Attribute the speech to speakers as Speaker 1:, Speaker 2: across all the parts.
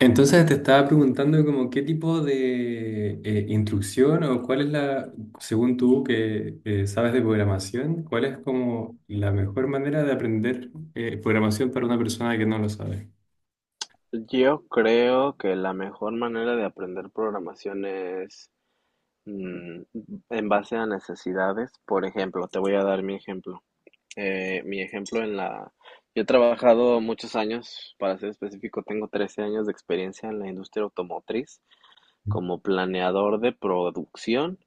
Speaker 1: Entonces te estaba preguntando como qué tipo de instrucción o cuál es la, según tú que sabes de programación, cuál es como la mejor manera de aprender programación para una persona que no lo sabe.
Speaker 2: Yo creo que la mejor manera de aprender programación es mm, en base a necesidades. Por ejemplo, te voy a dar mi ejemplo. Mi ejemplo en la... Yo he trabajado muchos años, para ser específico, tengo 13 años de experiencia en la industria automotriz como planeador de producción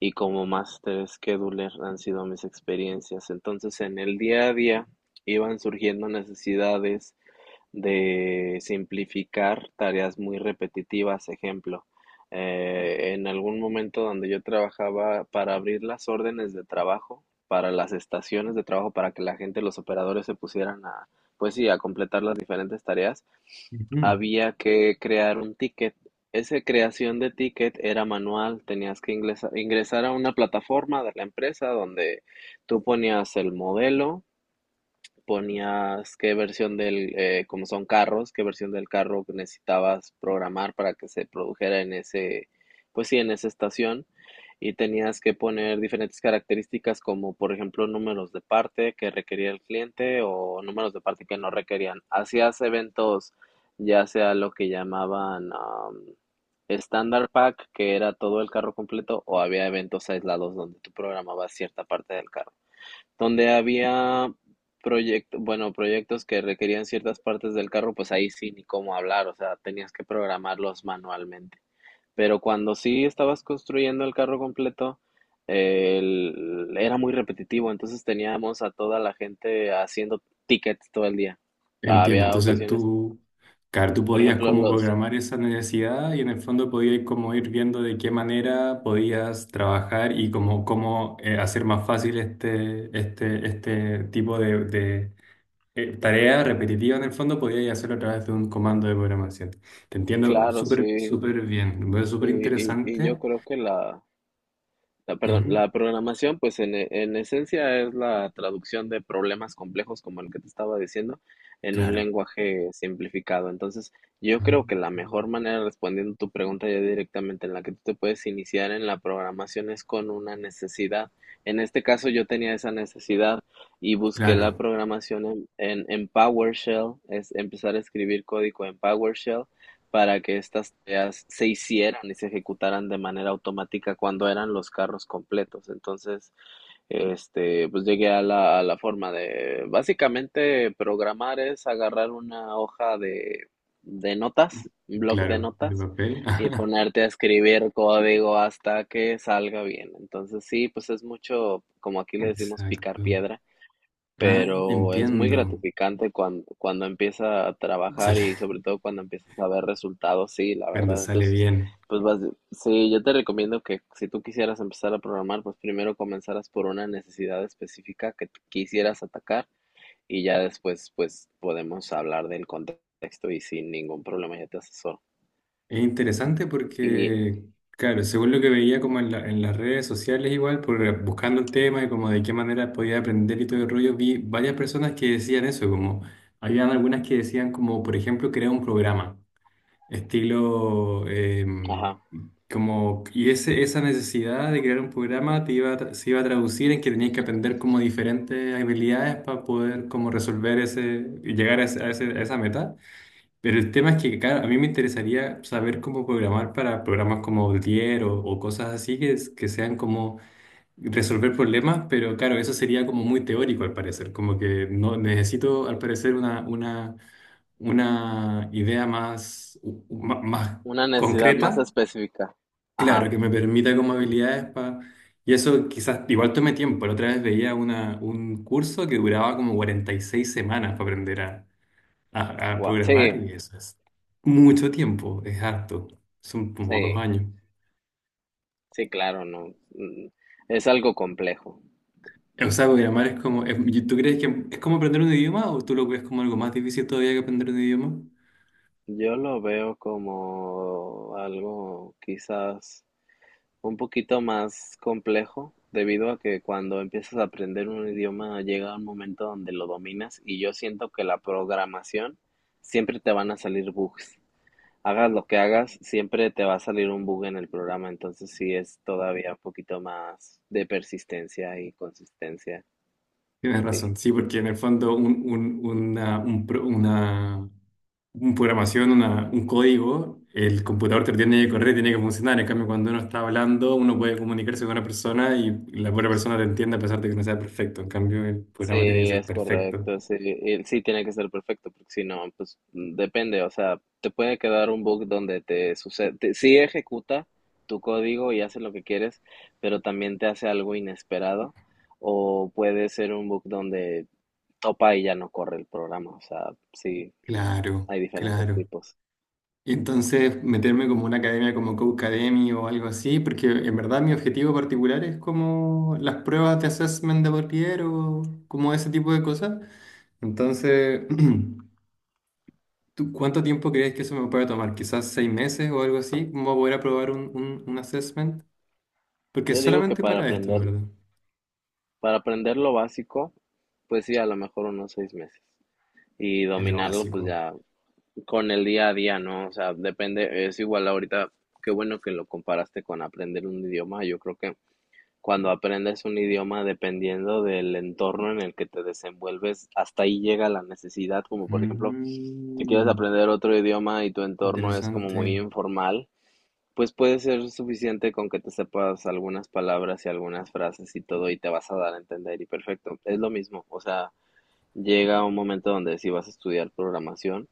Speaker 2: y como master scheduler han sido mis experiencias. Entonces, en el día a día iban surgiendo necesidades de simplificar tareas muy repetitivas. Ejemplo, en algún momento donde yo trabajaba para abrir las órdenes de trabajo, para las estaciones de trabajo, para que la gente, los operadores se pusieran a, pues sí, a completar las diferentes tareas,
Speaker 1: Ujú.
Speaker 2: había que crear un ticket. Esa creación de ticket era manual, tenías que ingresar a una plataforma de la empresa donde tú ponías el modelo, ponías qué versión del, como son carros, qué versión del carro que necesitabas programar para que se produjera en ese, pues sí, en esa estación. Y tenías que poner diferentes características como, por ejemplo, números de parte que requería el cliente o números de parte que no requerían. Hacías eventos, ya sea lo que llamaban Standard Pack, que era todo el carro completo, o había eventos aislados donde tú programabas cierta parte del carro. Donde había proyectos, bueno, proyectos que requerían ciertas partes del carro, pues ahí sí, ni cómo hablar, o sea, tenías que programarlos manualmente. Pero cuando sí estabas construyendo el carro completo, era muy repetitivo, entonces teníamos a toda la gente haciendo tickets todo el día.
Speaker 1: Entiendo,
Speaker 2: Había
Speaker 1: entonces
Speaker 2: ocasiones,
Speaker 1: tú, claro, tú
Speaker 2: por
Speaker 1: podías
Speaker 2: ejemplo,
Speaker 1: como
Speaker 2: los,
Speaker 1: programar esa necesidad y en el fondo podías como ir viendo de qué manera podías trabajar y como cómo hacer más fácil este tipo de tarea repetitiva en el fondo podías hacerlo a través de un comando de programación. Te entiendo
Speaker 2: claro,
Speaker 1: súper,
Speaker 2: sí,
Speaker 1: súper bien. Me parece
Speaker 2: y,
Speaker 1: súper
Speaker 2: y y yo
Speaker 1: interesante.
Speaker 2: creo que la... La, perdón,
Speaker 1: Ujú.
Speaker 2: la programación, pues en, en esencia es la traducción de problemas complejos, como el que te estaba diciendo, en un
Speaker 1: Claro.
Speaker 2: lenguaje simplificado. Entonces, yo
Speaker 1: Ah.
Speaker 2: creo que la mejor manera, respondiendo tu pregunta ya directamente, en la que tú te puedes iniciar en la programación es con una necesidad. En este caso, yo tenía esa necesidad y busqué
Speaker 1: Claro,
Speaker 2: la programación en PowerShell, es empezar a escribir código en PowerShell para que estas tareas se hicieran y se ejecutaran de manera automática cuando eran los carros completos. Entonces, este, pues llegué a la forma de, básicamente, programar es agarrar una hoja de notas, un bloc de
Speaker 1: claro. De
Speaker 2: notas,
Speaker 1: papel.
Speaker 2: y ponerte a escribir código hasta que salga bien. Entonces, sí, pues es mucho, como aquí le decimos, picar
Speaker 1: Exacto.
Speaker 2: piedra,
Speaker 1: Ah,
Speaker 2: pero es muy
Speaker 1: entiendo.
Speaker 2: gratificante cuando, cuando empieza a trabajar y
Speaker 1: Sale,
Speaker 2: sobre todo cuando empiezas a ver resultados, sí, la
Speaker 1: cuando
Speaker 2: verdad.
Speaker 1: sale
Speaker 2: Entonces,
Speaker 1: bien.
Speaker 2: pues vas, sí, yo te recomiendo que si tú quisieras empezar a programar, pues primero comenzaras por una necesidad específica que tú quisieras atacar y ya después, pues podemos hablar del contexto y sin ningún problema yo te asesoro.
Speaker 1: Es interesante
Speaker 2: Y,
Speaker 1: porque, claro, según lo que veía como en, en las redes sociales igual, por, buscando el tema y como de qué manera podía aprender y todo el rollo, vi varias personas que decían eso, como, habían algunas que decían como, por ejemplo, crear un programa, estilo,
Speaker 2: ajá,
Speaker 1: como, y ese, esa necesidad de crear un programa te iba a se iba a traducir en que tenías que aprender como diferentes habilidades para poder como resolver ese, y llegar a, a esa meta. Pero el tema es que, claro, a mí me interesaría saber cómo programar para programas como Outlier o cosas así que, que sean como resolver problemas, pero claro, eso sería como muy teórico al parecer, como que no necesito al parecer una idea más, más
Speaker 2: una necesidad más
Speaker 1: concreta,
Speaker 2: específica.
Speaker 1: claro,
Speaker 2: Ajá,
Speaker 1: que me permita como habilidades para... Y eso quizás igual tome tiempo. La otra vez veía una, un curso que duraba como 46 semanas para aprender a
Speaker 2: gua-
Speaker 1: programar
Speaker 2: sí,
Speaker 1: y eso es mucho tiempo, es harto, son como dos
Speaker 2: sí,
Speaker 1: años.
Speaker 2: sí, claro, no. mm, Es algo complejo.
Speaker 1: O sea, programar es como, y ¿tú crees que es como aprender un idioma o tú lo ves como algo más difícil todavía que aprender un idioma?
Speaker 2: Yo lo veo como algo quizás un poquito más complejo, debido a que cuando empiezas a aprender un idioma llega un momento donde lo dominas y yo siento que la programación siempre te van a salir bugs. Hagas lo que hagas, siempre te va a salir un bug en el programa, entonces sí es todavía un poquito más de persistencia y consistencia,
Speaker 1: Tienes
Speaker 2: sí.
Speaker 1: razón, sí, porque en el fondo un un programación, una, un código, el computador te lo tiene que correr, tiene que funcionar. En cambio, cuando uno está hablando, uno puede comunicarse con una persona y la otra persona te entiende a pesar de que no sea perfecto. En cambio, el programa tiene que
Speaker 2: Sí,
Speaker 1: ser
Speaker 2: es
Speaker 1: perfecto.
Speaker 2: correcto, sí, y sí tiene que ser perfecto, porque si no, pues depende, o sea, te puede quedar un bug donde te sucede, sí ejecuta tu código y hace lo que quieres, pero también te hace algo inesperado, o puede ser un bug donde topa y ya no corre el programa, o sea, sí,
Speaker 1: Claro,
Speaker 2: hay diferentes
Speaker 1: claro.
Speaker 2: tipos.
Speaker 1: Y entonces meterme como una academia como Codecademy o algo así, porque en verdad mi objetivo particular es como las pruebas de assessment de Portier o como ese tipo de cosas. Entonces, ¿tú cuánto tiempo crees que eso me puede tomar? Quizás 6 meses o algo así, ¿cómo voy a poder aprobar un assessment? Porque es
Speaker 2: Yo digo que
Speaker 1: solamente para esto, en verdad.
Speaker 2: para aprender lo básico, pues sí, a lo mejor unos 6 meses, y
Speaker 1: Es lo
Speaker 2: dominarlo, pues
Speaker 1: básico.
Speaker 2: ya con el día a día, ¿no? O sea, depende, es igual ahorita, qué bueno que lo comparaste con aprender un idioma. Yo creo que cuando aprendes un idioma, dependiendo del entorno en el que te desenvuelves, hasta ahí llega la necesidad, como por ejemplo, si quieres
Speaker 1: Mm,
Speaker 2: aprender otro idioma y tu entorno es como muy
Speaker 1: interesante.
Speaker 2: informal, pues puede ser suficiente con que te sepas algunas palabras y algunas frases y todo y te vas a dar a entender y perfecto. Es lo mismo, o sea, llega un momento donde si vas a estudiar programación,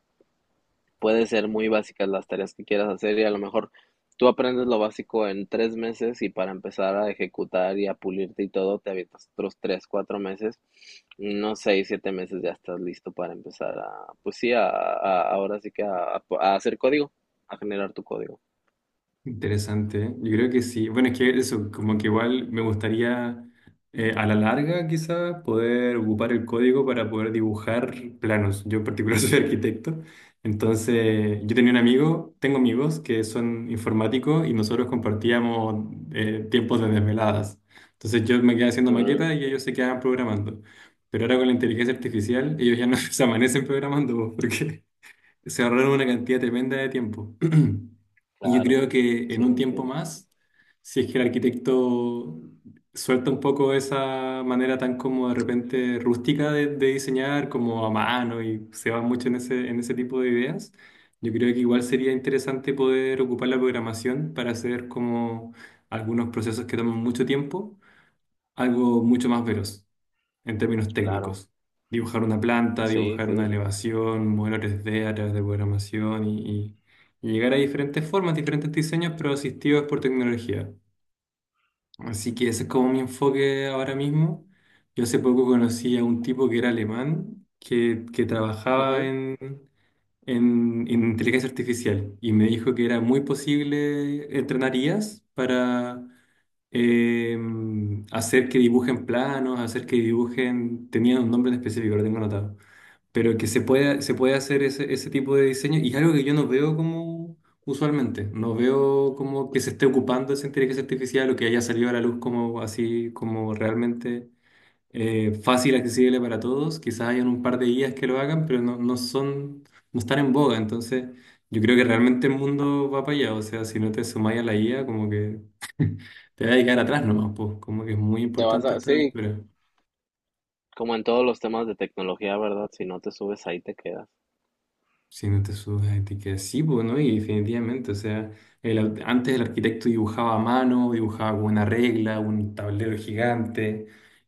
Speaker 2: puede ser muy básicas las tareas que quieras hacer y a lo mejor tú aprendes lo básico en 3 meses y para empezar a ejecutar y a pulirte y todo, te avientas otros 3, 4 meses, no 6, 7 meses ya estás listo para empezar a, pues sí, a, ahora sí que a hacer código, a generar tu código.
Speaker 1: Interesante, ¿eh? Yo creo que sí. Bueno, es que eso, como que igual me gustaría a la larga quizá poder ocupar el código para poder dibujar planos. Yo en particular soy arquitecto, entonces yo tenía un amigo, tengo amigos que son informáticos y nosotros compartíamos tiempos de desveladas. Entonces yo me quedaba haciendo
Speaker 2: Mm,
Speaker 1: maquetas y ellos se quedaban programando. Pero ahora con la inteligencia artificial ellos ya no se amanecen programando porque se ahorraron una cantidad tremenda de tiempo. Y yo
Speaker 2: claro,
Speaker 1: creo que en
Speaker 2: sí,
Speaker 1: un tiempo
Speaker 2: entiendo.
Speaker 1: más, si es que el arquitecto suelta un poco esa manera tan como de repente rústica de diseñar, como a mano, y se va mucho en ese tipo de ideas, yo creo que igual sería interesante poder ocupar la programación para hacer como algunos procesos que toman mucho tiempo algo mucho más veloz en términos
Speaker 2: Claro,
Speaker 1: técnicos. Dibujar una planta,
Speaker 2: sí,
Speaker 1: dibujar
Speaker 2: sí.
Speaker 1: una elevación, modelo tres d a través de programación y, y llegar a diferentes formas, diferentes diseños, pero asistidos por tecnología. Así que ese es como mi enfoque ahora mismo. Yo hace poco conocí a un tipo que era alemán, que trabajaba
Speaker 2: Ujú.
Speaker 1: en inteligencia artificial y me dijo que era muy posible entrenar IAs para eh, hacer que dibujen planos, hacer que dibujen, tenían un nombre en específico, lo tengo anotado, pero que se puede hacer ese, ese tipo de diseño y es algo que yo no veo como usualmente, no veo como que se esté ocupando esa inteligencia artificial o que haya salido a la luz como así, como realmente fácil, accesible para todos, quizás hayan un par de guías que lo hagan, pero no, no son, no están en boga, entonces... Yo creo que realmente el mundo va para allá, o sea, si no te sumáis a la IA, como que te vas a quedar atrás nomás, pues, como que es muy
Speaker 2: Te vas
Speaker 1: importante a
Speaker 2: a,
Speaker 1: esta
Speaker 2: sí,
Speaker 1: altura.
Speaker 2: como en todos los temas de tecnología, ¿verdad? Si no te subes ahí te quedas.
Speaker 1: Si no te subes a etiquetas sí, pues, ¿no? Y definitivamente, o sea, antes el arquitecto dibujaba a mano, dibujaba con una regla, un tablero gigante,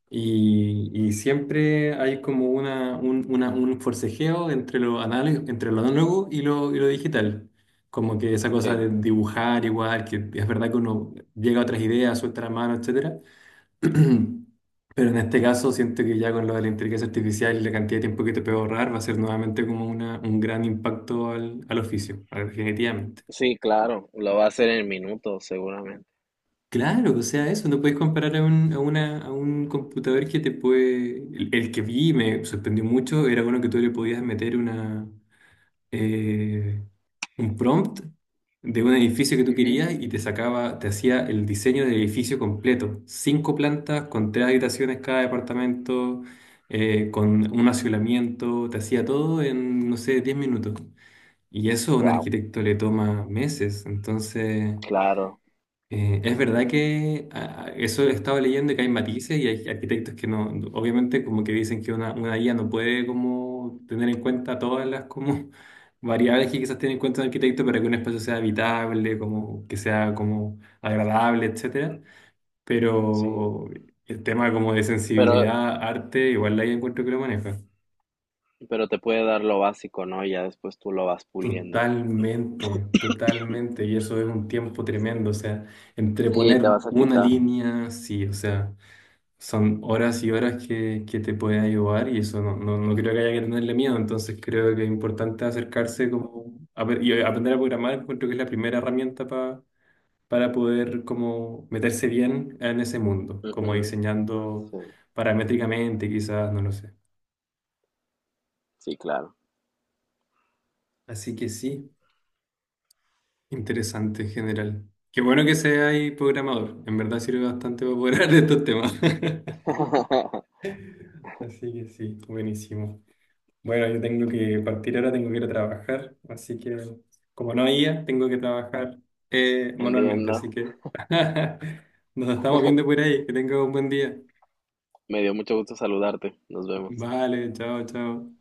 Speaker 1: y siempre hay como un forcejeo entre lo análogo y lo digital. Como que esa cosa
Speaker 2: Sí.
Speaker 1: de dibujar igual, que es verdad que uno llega a otras ideas, suelta la mano, etcétera. Pero en este caso siento que ya con lo de la inteligencia artificial y la cantidad de tiempo que te puede ahorrar va a ser nuevamente como un gran impacto al, al oficio, definitivamente.
Speaker 2: Sí, claro, lo va a hacer en minutos, seguramente.
Speaker 1: Claro, o sea, eso, no puedes comparar a un, a una, a un computador que te puede... el que vi y me sorprendió mucho era uno que tú le podías meter una... eh, un prompt de un edificio que tú
Speaker 2: Ujú.
Speaker 1: querías y te sacaba, te hacía el diseño del edificio completo. Cinco plantas, con 3 habitaciones cada departamento, con un aislamiento, te hacía todo en, no sé, 10 minutos. Y eso a un
Speaker 2: Wow,
Speaker 1: arquitecto le toma meses. Entonces.
Speaker 2: claro,
Speaker 1: Es verdad que eso he estado leyendo que hay matices y hay arquitectos que no, obviamente como que dicen que una guía no puede como tener en cuenta todas las como variables que quizás tiene en cuenta un arquitecto para que un espacio sea habitable, como que sea como agradable, etcétera.
Speaker 2: sí.
Speaker 1: Pero el tema como de
Speaker 2: Pero,
Speaker 1: sensibilidad, arte, igual la ahí encuentro que lo maneja.
Speaker 2: pero te puede dar lo básico, ¿no? Y ya después tú lo vas puliendo.
Speaker 1: Totalmente, totalmente. Y eso es un tiempo tremendo, o sea, entre
Speaker 2: Sí,
Speaker 1: poner
Speaker 2: te vas a
Speaker 1: una
Speaker 2: quitar.
Speaker 1: línea, sí, o sea. Son horas y horas que te pueden ayudar y eso no, no, no creo que haya que tenerle miedo, entonces creo que es importante acercarse como a y aprender a programar, encuentro que es la primera herramienta para poder como meterse bien en ese mundo, como
Speaker 2: Ujú.
Speaker 1: diseñando
Speaker 2: Sí,
Speaker 1: paramétricamente quizás, no lo sé.
Speaker 2: sí, claro.
Speaker 1: Así que sí, interesante en general. Qué bueno que seas programador, en verdad sirve bastante para poder hablar de estos temas. Así que sí, buenísimo. Bueno, yo tengo que partir ahora, tengo que ir a trabajar, así que como no había, tengo que trabajar manualmente, así
Speaker 2: Entiendo.
Speaker 1: que nos estamos viendo por ahí, que tenga un buen día.
Speaker 2: Me dio mucho gusto saludarte. Nos vemos.
Speaker 1: Vale, chao, chao.